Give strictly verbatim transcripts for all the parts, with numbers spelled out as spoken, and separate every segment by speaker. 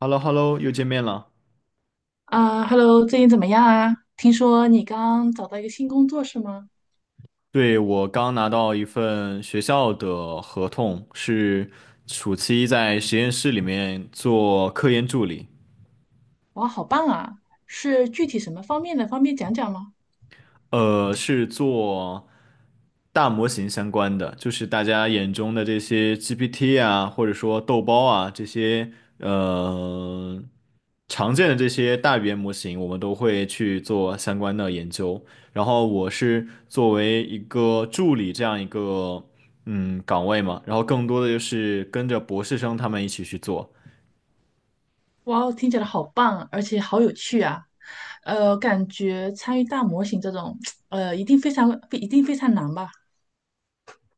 Speaker 1: h e l l o h e l l o 又见面了。
Speaker 2: 啊，Hello，最近怎么样啊？听说你刚找到一个新工作是吗？
Speaker 1: 对，我刚拿到一份学校的合同，是暑期在实验室里面做科研助理。
Speaker 2: 哇，好棒啊！是具体什么方面的？方便讲讲吗？
Speaker 1: 呃，是做大模型相关的，就是大家眼中的这些 G P T 啊，或者说豆包啊，这些呃常见的这些大语言模型，我们都会去做相关的研究。然后我是作为一个助理这样一个嗯岗位嘛，然后更多的就是跟着博士生他们一起去做。
Speaker 2: 哇，听起来好棒啊，而且好有趣啊！呃，感觉参与大模型这种，呃，一定非常，一定非常难吧？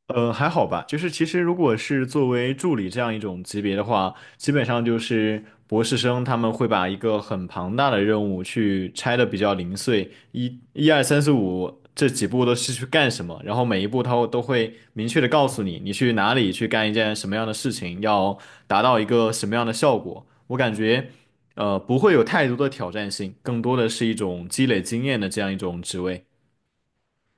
Speaker 1: 呃，还好吧，就是其实如果是作为助理这样一种级别的话，基本上就是博士生他们会把一个很庞大的任务去拆的比较零碎，一、一二三四五这几步都是去干什么，然后每一步他都会明确的告诉你，你去哪里去干一件什么样的事情，要达到一个什么样的效果。我感觉，呃，不会有太多的挑战性，更多的是一种积累经验的这样一种职位。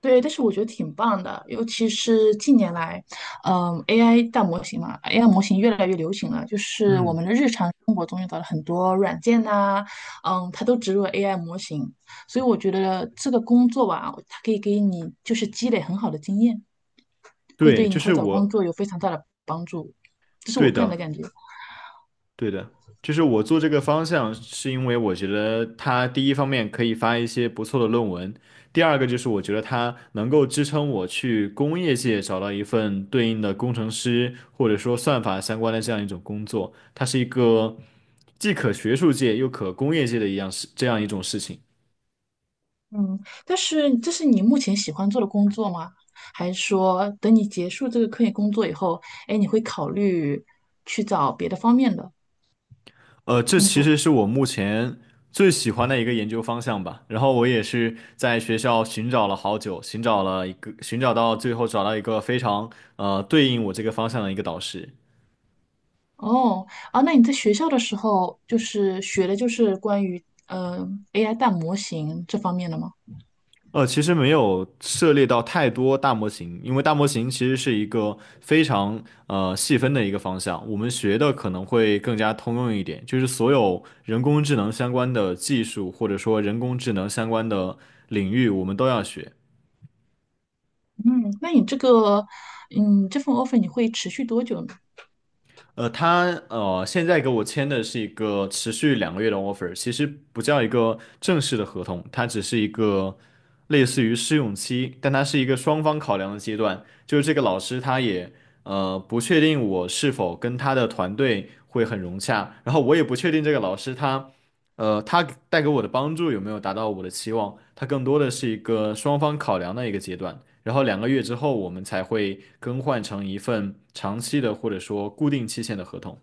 Speaker 2: 对，但是我觉得挺棒的，尤其是近年来，嗯，A I 大模型嘛，A I 模型越来越流行了，就是我
Speaker 1: 嗯，
Speaker 2: 们的日常生活中用到了很多软件呐、嗯，它都植入了 A I 模型，所以我觉得这个工作吧，它可以给你就是积累很好的经验，会
Speaker 1: 对，
Speaker 2: 对你
Speaker 1: 就
Speaker 2: 以后
Speaker 1: 是
Speaker 2: 找工
Speaker 1: 我，
Speaker 2: 作有非常大的帮助，这是我
Speaker 1: 对
Speaker 2: 个人
Speaker 1: 的。
Speaker 2: 的感觉。
Speaker 1: 对的，就是我做这个方向，是因为我觉得它第一方面可以发一些不错的论文，第二个就是我觉得它能够支撑我去工业界找到一份对应的工程师或者说算法相关的这样一种工作，它是一个既可学术界又可工业界的一样事，这样一种事情。
Speaker 2: 嗯，但是这是你目前喜欢做的工作吗？还是说等你结束这个科研工作以后，哎，你会考虑去找别的方面的
Speaker 1: 呃，这
Speaker 2: 工
Speaker 1: 其
Speaker 2: 作？
Speaker 1: 实是我目前最喜欢的一个研究方向吧。然后我也是在学校寻找了好久，寻找了一个，寻找到最后找到一个非常呃对应我这个方向的一个导师。
Speaker 2: 哦，啊，那你在学校的时候就是学的就是关于嗯、呃 A I 大模型这方面的吗？
Speaker 1: 呃，其实没有涉猎到太多大模型，因为大模型其实是一个非常呃细分的一个方向，我们学的可能会更加通用一点，就是所有人工智能相关的技术，或者说人工智能相关的领域，我们都要学。
Speaker 2: 嗯，那你这个嗯这份 offer 你会持续多久呢？
Speaker 1: 呃，他呃现在给我签的是一个持续两个月的 offer，其实不叫一个正式的合同，它只是一个类似于试用期，但它是一个双方考量的阶段。就是这个老师他也呃不确定我是否跟他的团队会很融洽，然后我也不确定这个老师他呃他带给我的帮助有没有达到我的期望，他更多的是一个双方考量的一个阶段。然后两个月之后，我们才会更换成一份长期的或者说固定期限的合同。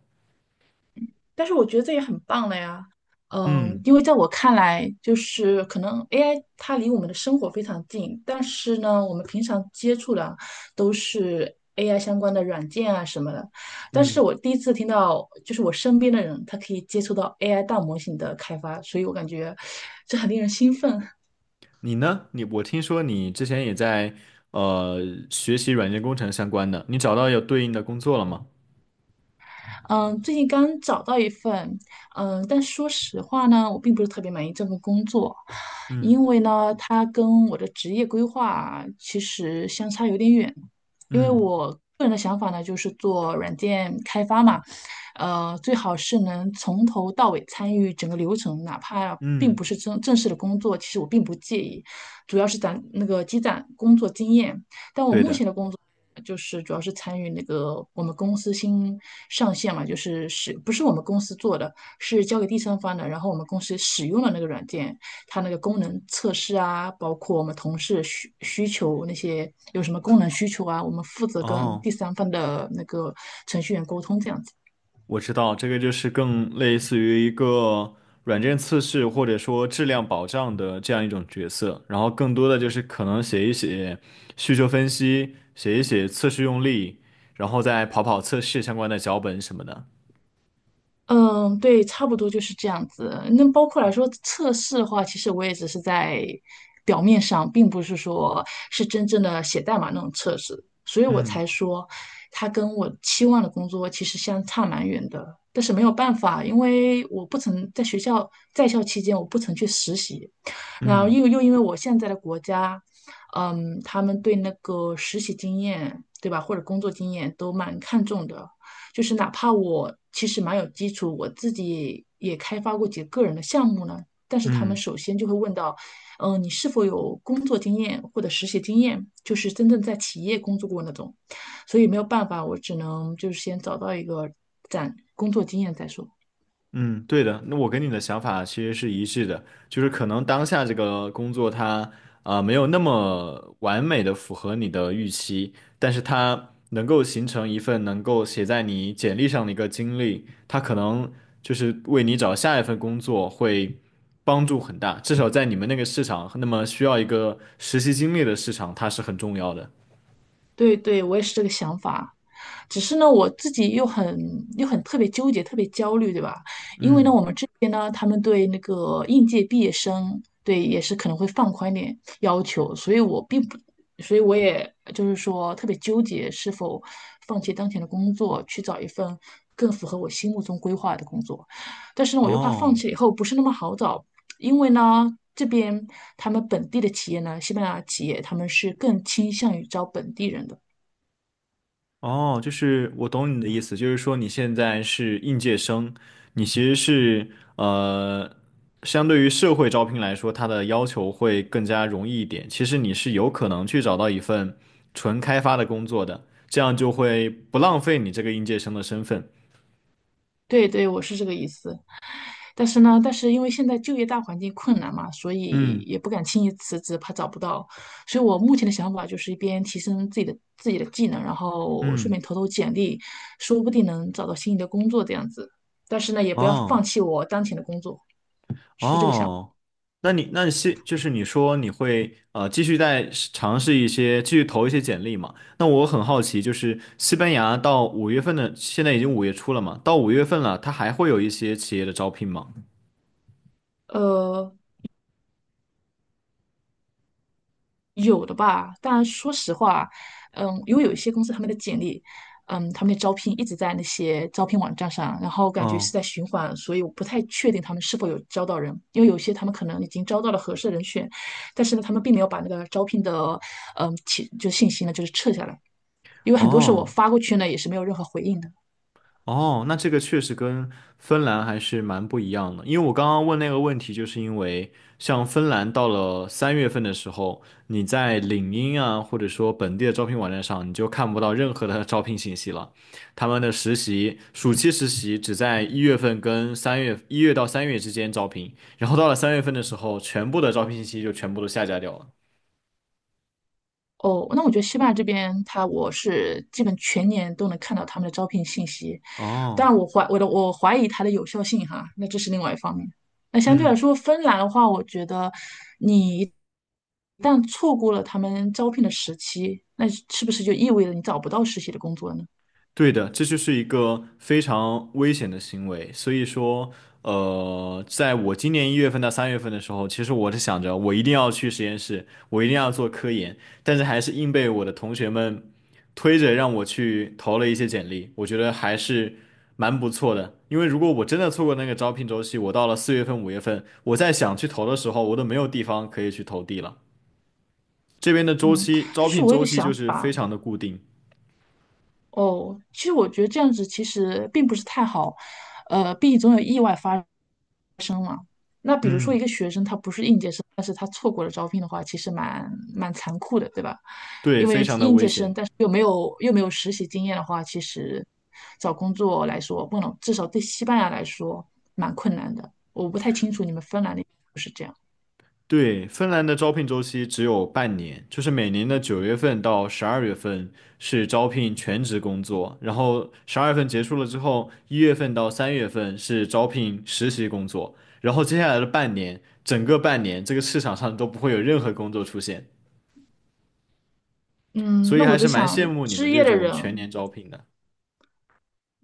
Speaker 2: 但是我觉得这也很棒了呀。嗯，
Speaker 1: 嗯
Speaker 2: 因为在我看来，就是可能 A I 它离我们的生活非常近，但是呢，我们平常接触的都是 A I 相关的软件啊什么的。但是
Speaker 1: 嗯，
Speaker 2: 我第一次听到，就是我身边的人他可以接触到 A I 大模型的开发，所以我感觉这很令人兴奋。
Speaker 1: 你呢？你我听说你之前也在呃学习软件工程相关的，你找到有对应的工作了吗？
Speaker 2: 嗯，最近刚找到一份，嗯，但说实话呢，我并不是特别满意这份工作，
Speaker 1: 嗯
Speaker 2: 因为呢，它跟我的职业规划其实相差有点远。因为
Speaker 1: 嗯
Speaker 2: 我个人的想法呢，就是做软件开发嘛，呃，最好是能从头到尾参与整个流程，哪怕并
Speaker 1: 嗯，
Speaker 2: 不是正正式的工作，其实我并不介意，主要是攒那个积攒工作经验。但我
Speaker 1: 对
Speaker 2: 目
Speaker 1: 的。
Speaker 2: 前的工作就是主要是参与那个我们公司新上线嘛，就是使不是我们公司做的，是交给第三方的，然后我们公司使用了那个软件，它那个功能测试啊，包括我们同事需需求那些有什么功能需求啊，我们负责跟
Speaker 1: 哦。
Speaker 2: 第三方的那个程序员沟通这样子。
Speaker 1: 我知道这个就是更类似于一个软件测试或者说质量保障的这样一种角色，然后更多的就是可能写一写需求分析，写一写测试用例，然后再跑跑测试相关的脚本什么的。
Speaker 2: 嗯，对，差不多就是这样子。那包括来说测试的话，其实我也只是在表面上，并不是说是真正的写代码那种测试，所以我
Speaker 1: 嗯
Speaker 2: 才说它跟我期望的工作其实相差蛮远的。但是没有办法，因为我不曾在学校在校期间，我不曾去实习，然后
Speaker 1: 嗯
Speaker 2: 又又因为我现在的国家，嗯，他们对那个实习经验，对吧，或者工作经验都蛮看重的。就是哪怕我其实蛮有基础，我自己也开发过几个个人的项目呢，但是他们
Speaker 1: 嗯。
Speaker 2: 首先就会问到，嗯、你是否有工作经验或者实习经验，就是真正在企业工作过那种，所以没有办法，我只能就是先找到一个攒工作经验再说。
Speaker 1: 嗯，对的，那我跟你的想法其实是一致的，就是可能当下这个工作它啊没有那么完美的符合你的预期，但是它能够形成一份能够写在你简历上的一个经历，它可能就是为你找下一份工作会帮助很大，至少在你们那个市场，那么需要一个实习经历的市场，它是很重要的。
Speaker 2: 对对，我也是这个想法。只是呢，我自己又很又很特别纠结，特别焦虑，对吧？因为呢，
Speaker 1: 嗯，
Speaker 2: 我们这边呢，他们对那个应届毕业生，对也是可能会放宽一点要求，所以我并不，所以我也就是说特别纠结，是否放弃当前的工作，去找一份更符合我心目中规划的工作。但是呢，我又怕放
Speaker 1: 哦。
Speaker 2: 弃以后不是那么好找，因为呢，这边他们本地的企业呢，西班牙企业他们是更倾向于招本地人的。
Speaker 1: 哦，就是我懂你的意思，就是说你现在是应届生，你其实是呃，相对于社会招聘来说，它的要求会更加容易一点。其实你是有可能去找到一份纯开发的工作的，这样就会不浪费你这个应届生的身份。
Speaker 2: 对对，我是这个意思。但是呢，但是因为现在就业大环境困难嘛，所以
Speaker 1: 嗯
Speaker 2: 也不敢轻易辞职，怕找不到。所以我目前的想法就是一边提升自己的自己的技能，然后顺
Speaker 1: 嗯，
Speaker 2: 便投投简历，说不定能找到心仪的工作这样子。但是呢，也不要
Speaker 1: 哦。
Speaker 2: 放弃我当前的工作，是这个想法。
Speaker 1: 哦，那你那现就是你说你会呃继续再试尝试一些，继续投一些简历嘛？那我很好奇，就是西班牙到五月份的，现在已经五月初了嘛，到五月份了，它还会有一些企业的招聘吗？
Speaker 2: 呃，有的吧，但说实话，嗯，因为有一些公司他们的简历，嗯，他们的招聘一直在那些招聘网站上，然后感觉是
Speaker 1: 嗯，
Speaker 2: 在循环，所以我不太确定他们是否有招到人，因为有些他们可能已经招到了合适的人选，但是呢，他们并没有把那个招聘的，嗯，其就信息呢，就是撤下来，因为很多时候我
Speaker 1: 哦。
Speaker 2: 发过去呢，也是没有任何回应的。
Speaker 1: 哦，那这个确实跟芬兰还是蛮不一样的，因为我刚刚问那个问题，就是因为像芬兰到了三月份的时候，你在领英啊，或者说本地的招聘网站上，你就看不到任何的 招聘信息了。他们的实习，暑期实习只在一月份跟三月，一月到三月之间招聘，然后到了三月份的时候，全部的招聘信息就全部都下架掉了。
Speaker 2: 哦，那我觉得西班牙这边，它我是基本全年都能看到他们的招聘信息，
Speaker 1: 哦，
Speaker 2: 但我怀我的我怀疑它的有效性哈，那这是另外一方面。那相对来
Speaker 1: 嗯，
Speaker 2: 说，芬兰的话，我觉得你一旦错过了他们招聘的时期，那是不是就意味着你找不到实习的工作呢？
Speaker 1: 对的，这就是一个非常危险的行为。所以说，呃，在我今年一月份到三月份的时候，其实我是想着我一定要去实验室，我一定要做科研，但是还是硬被我的同学们推着让我去投了一些简历。我觉得还是蛮不错的，因为如果我真的错过那个招聘周期，我到了四月份、五月份，我在想去投的时候，我都没有地方可以去投递了。这边的周
Speaker 2: 嗯，
Speaker 1: 期，招
Speaker 2: 就是
Speaker 1: 聘
Speaker 2: 我有
Speaker 1: 周
Speaker 2: 个
Speaker 1: 期就
Speaker 2: 想
Speaker 1: 是非
Speaker 2: 法，
Speaker 1: 常的固定。
Speaker 2: 哦，其实我觉得这样子其实并不是太好，呃，毕竟总有意外发生嘛。那比如说
Speaker 1: 嗯，
Speaker 2: 一个学生他不是应届生，但是他错过了招聘的话，其实蛮蛮残酷的，对吧？
Speaker 1: 对，
Speaker 2: 因
Speaker 1: 非
Speaker 2: 为
Speaker 1: 常的
Speaker 2: 应
Speaker 1: 危
Speaker 2: 届
Speaker 1: 险。
Speaker 2: 生，但是又没有又没有实习经验的话，其实找工作来说，不能，至少对西班牙来说蛮困难的。我不太清楚你们芬兰那边是不是这样。
Speaker 1: 对，芬兰的招聘周期只有半年，就是每年的九月份到十二月份是招聘全职工作，然后十二月份结束了之后，一月份到三月份是招聘实习工作，然后接下来的半年，整个半年这个市场上都不会有任何工作出现，
Speaker 2: 嗯，
Speaker 1: 所以
Speaker 2: 那我
Speaker 1: 还
Speaker 2: 在
Speaker 1: 是蛮
Speaker 2: 想，
Speaker 1: 羡慕你们
Speaker 2: 失业
Speaker 1: 这
Speaker 2: 的
Speaker 1: 种全年
Speaker 2: 人
Speaker 1: 招聘的。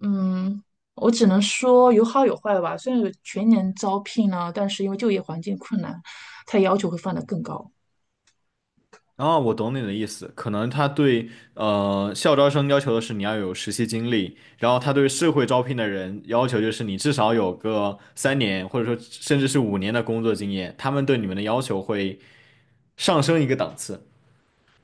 Speaker 2: 嗯，我只能说有好有坏吧。虽然有全年招聘呢，但是因为就业环境困难，它要求会放得更高。
Speaker 1: 啊，我懂你的意思，可能他对呃校招生要求的是你要有实习经历，然后他对社会招聘的人要求就是你至少有个三年或者说甚至是五年的工作经验，他们对你们的要求会上升一个档次。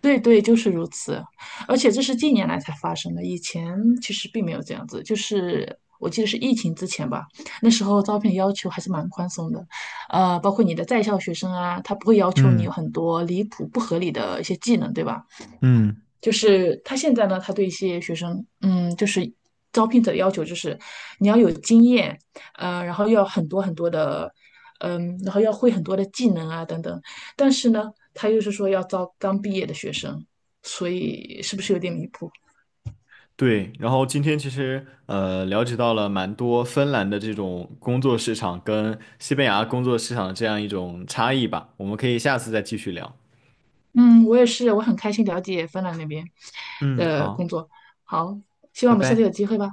Speaker 2: 对对，就是如此。而且这是近年来才发生的，以前其实并没有这样子。就是我记得是疫情之前吧，那时候招聘要求还是蛮宽松的，呃，包括你的在校学生啊，他不会要求你
Speaker 1: 嗯
Speaker 2: 有很多离谱不合理的一些技能，对吧？
Speaker 1: 嗯
Speaker 2: 就是他现在呢，他对一些学生，嗯，就是招聘者的要求就是你要有经验，呃，然后要很多很多的，嗯，然后要会很多的技能啊等等。但是呢，他又是说要招刚毕业的学生，所以是不是有点离谱？
Speaker 1: 对，然后今天其实呃了解到了蛮多芬兰的这种工作市场跟西班牙工作市场的这样一种差异吧，我们可以下次再继续聊。
Speaker 2: 嗯，我也是，我很开心了解芬兰那边
Speaker 1: 嗯，
Speaker 2: 的
Speaker 1: 好，
Speaker 2: 工作。好，希望
Speaker 1: 拜
Speaker 2: 我们下次
Speaker 1: 拜。
Speaker 2: 有机会吧。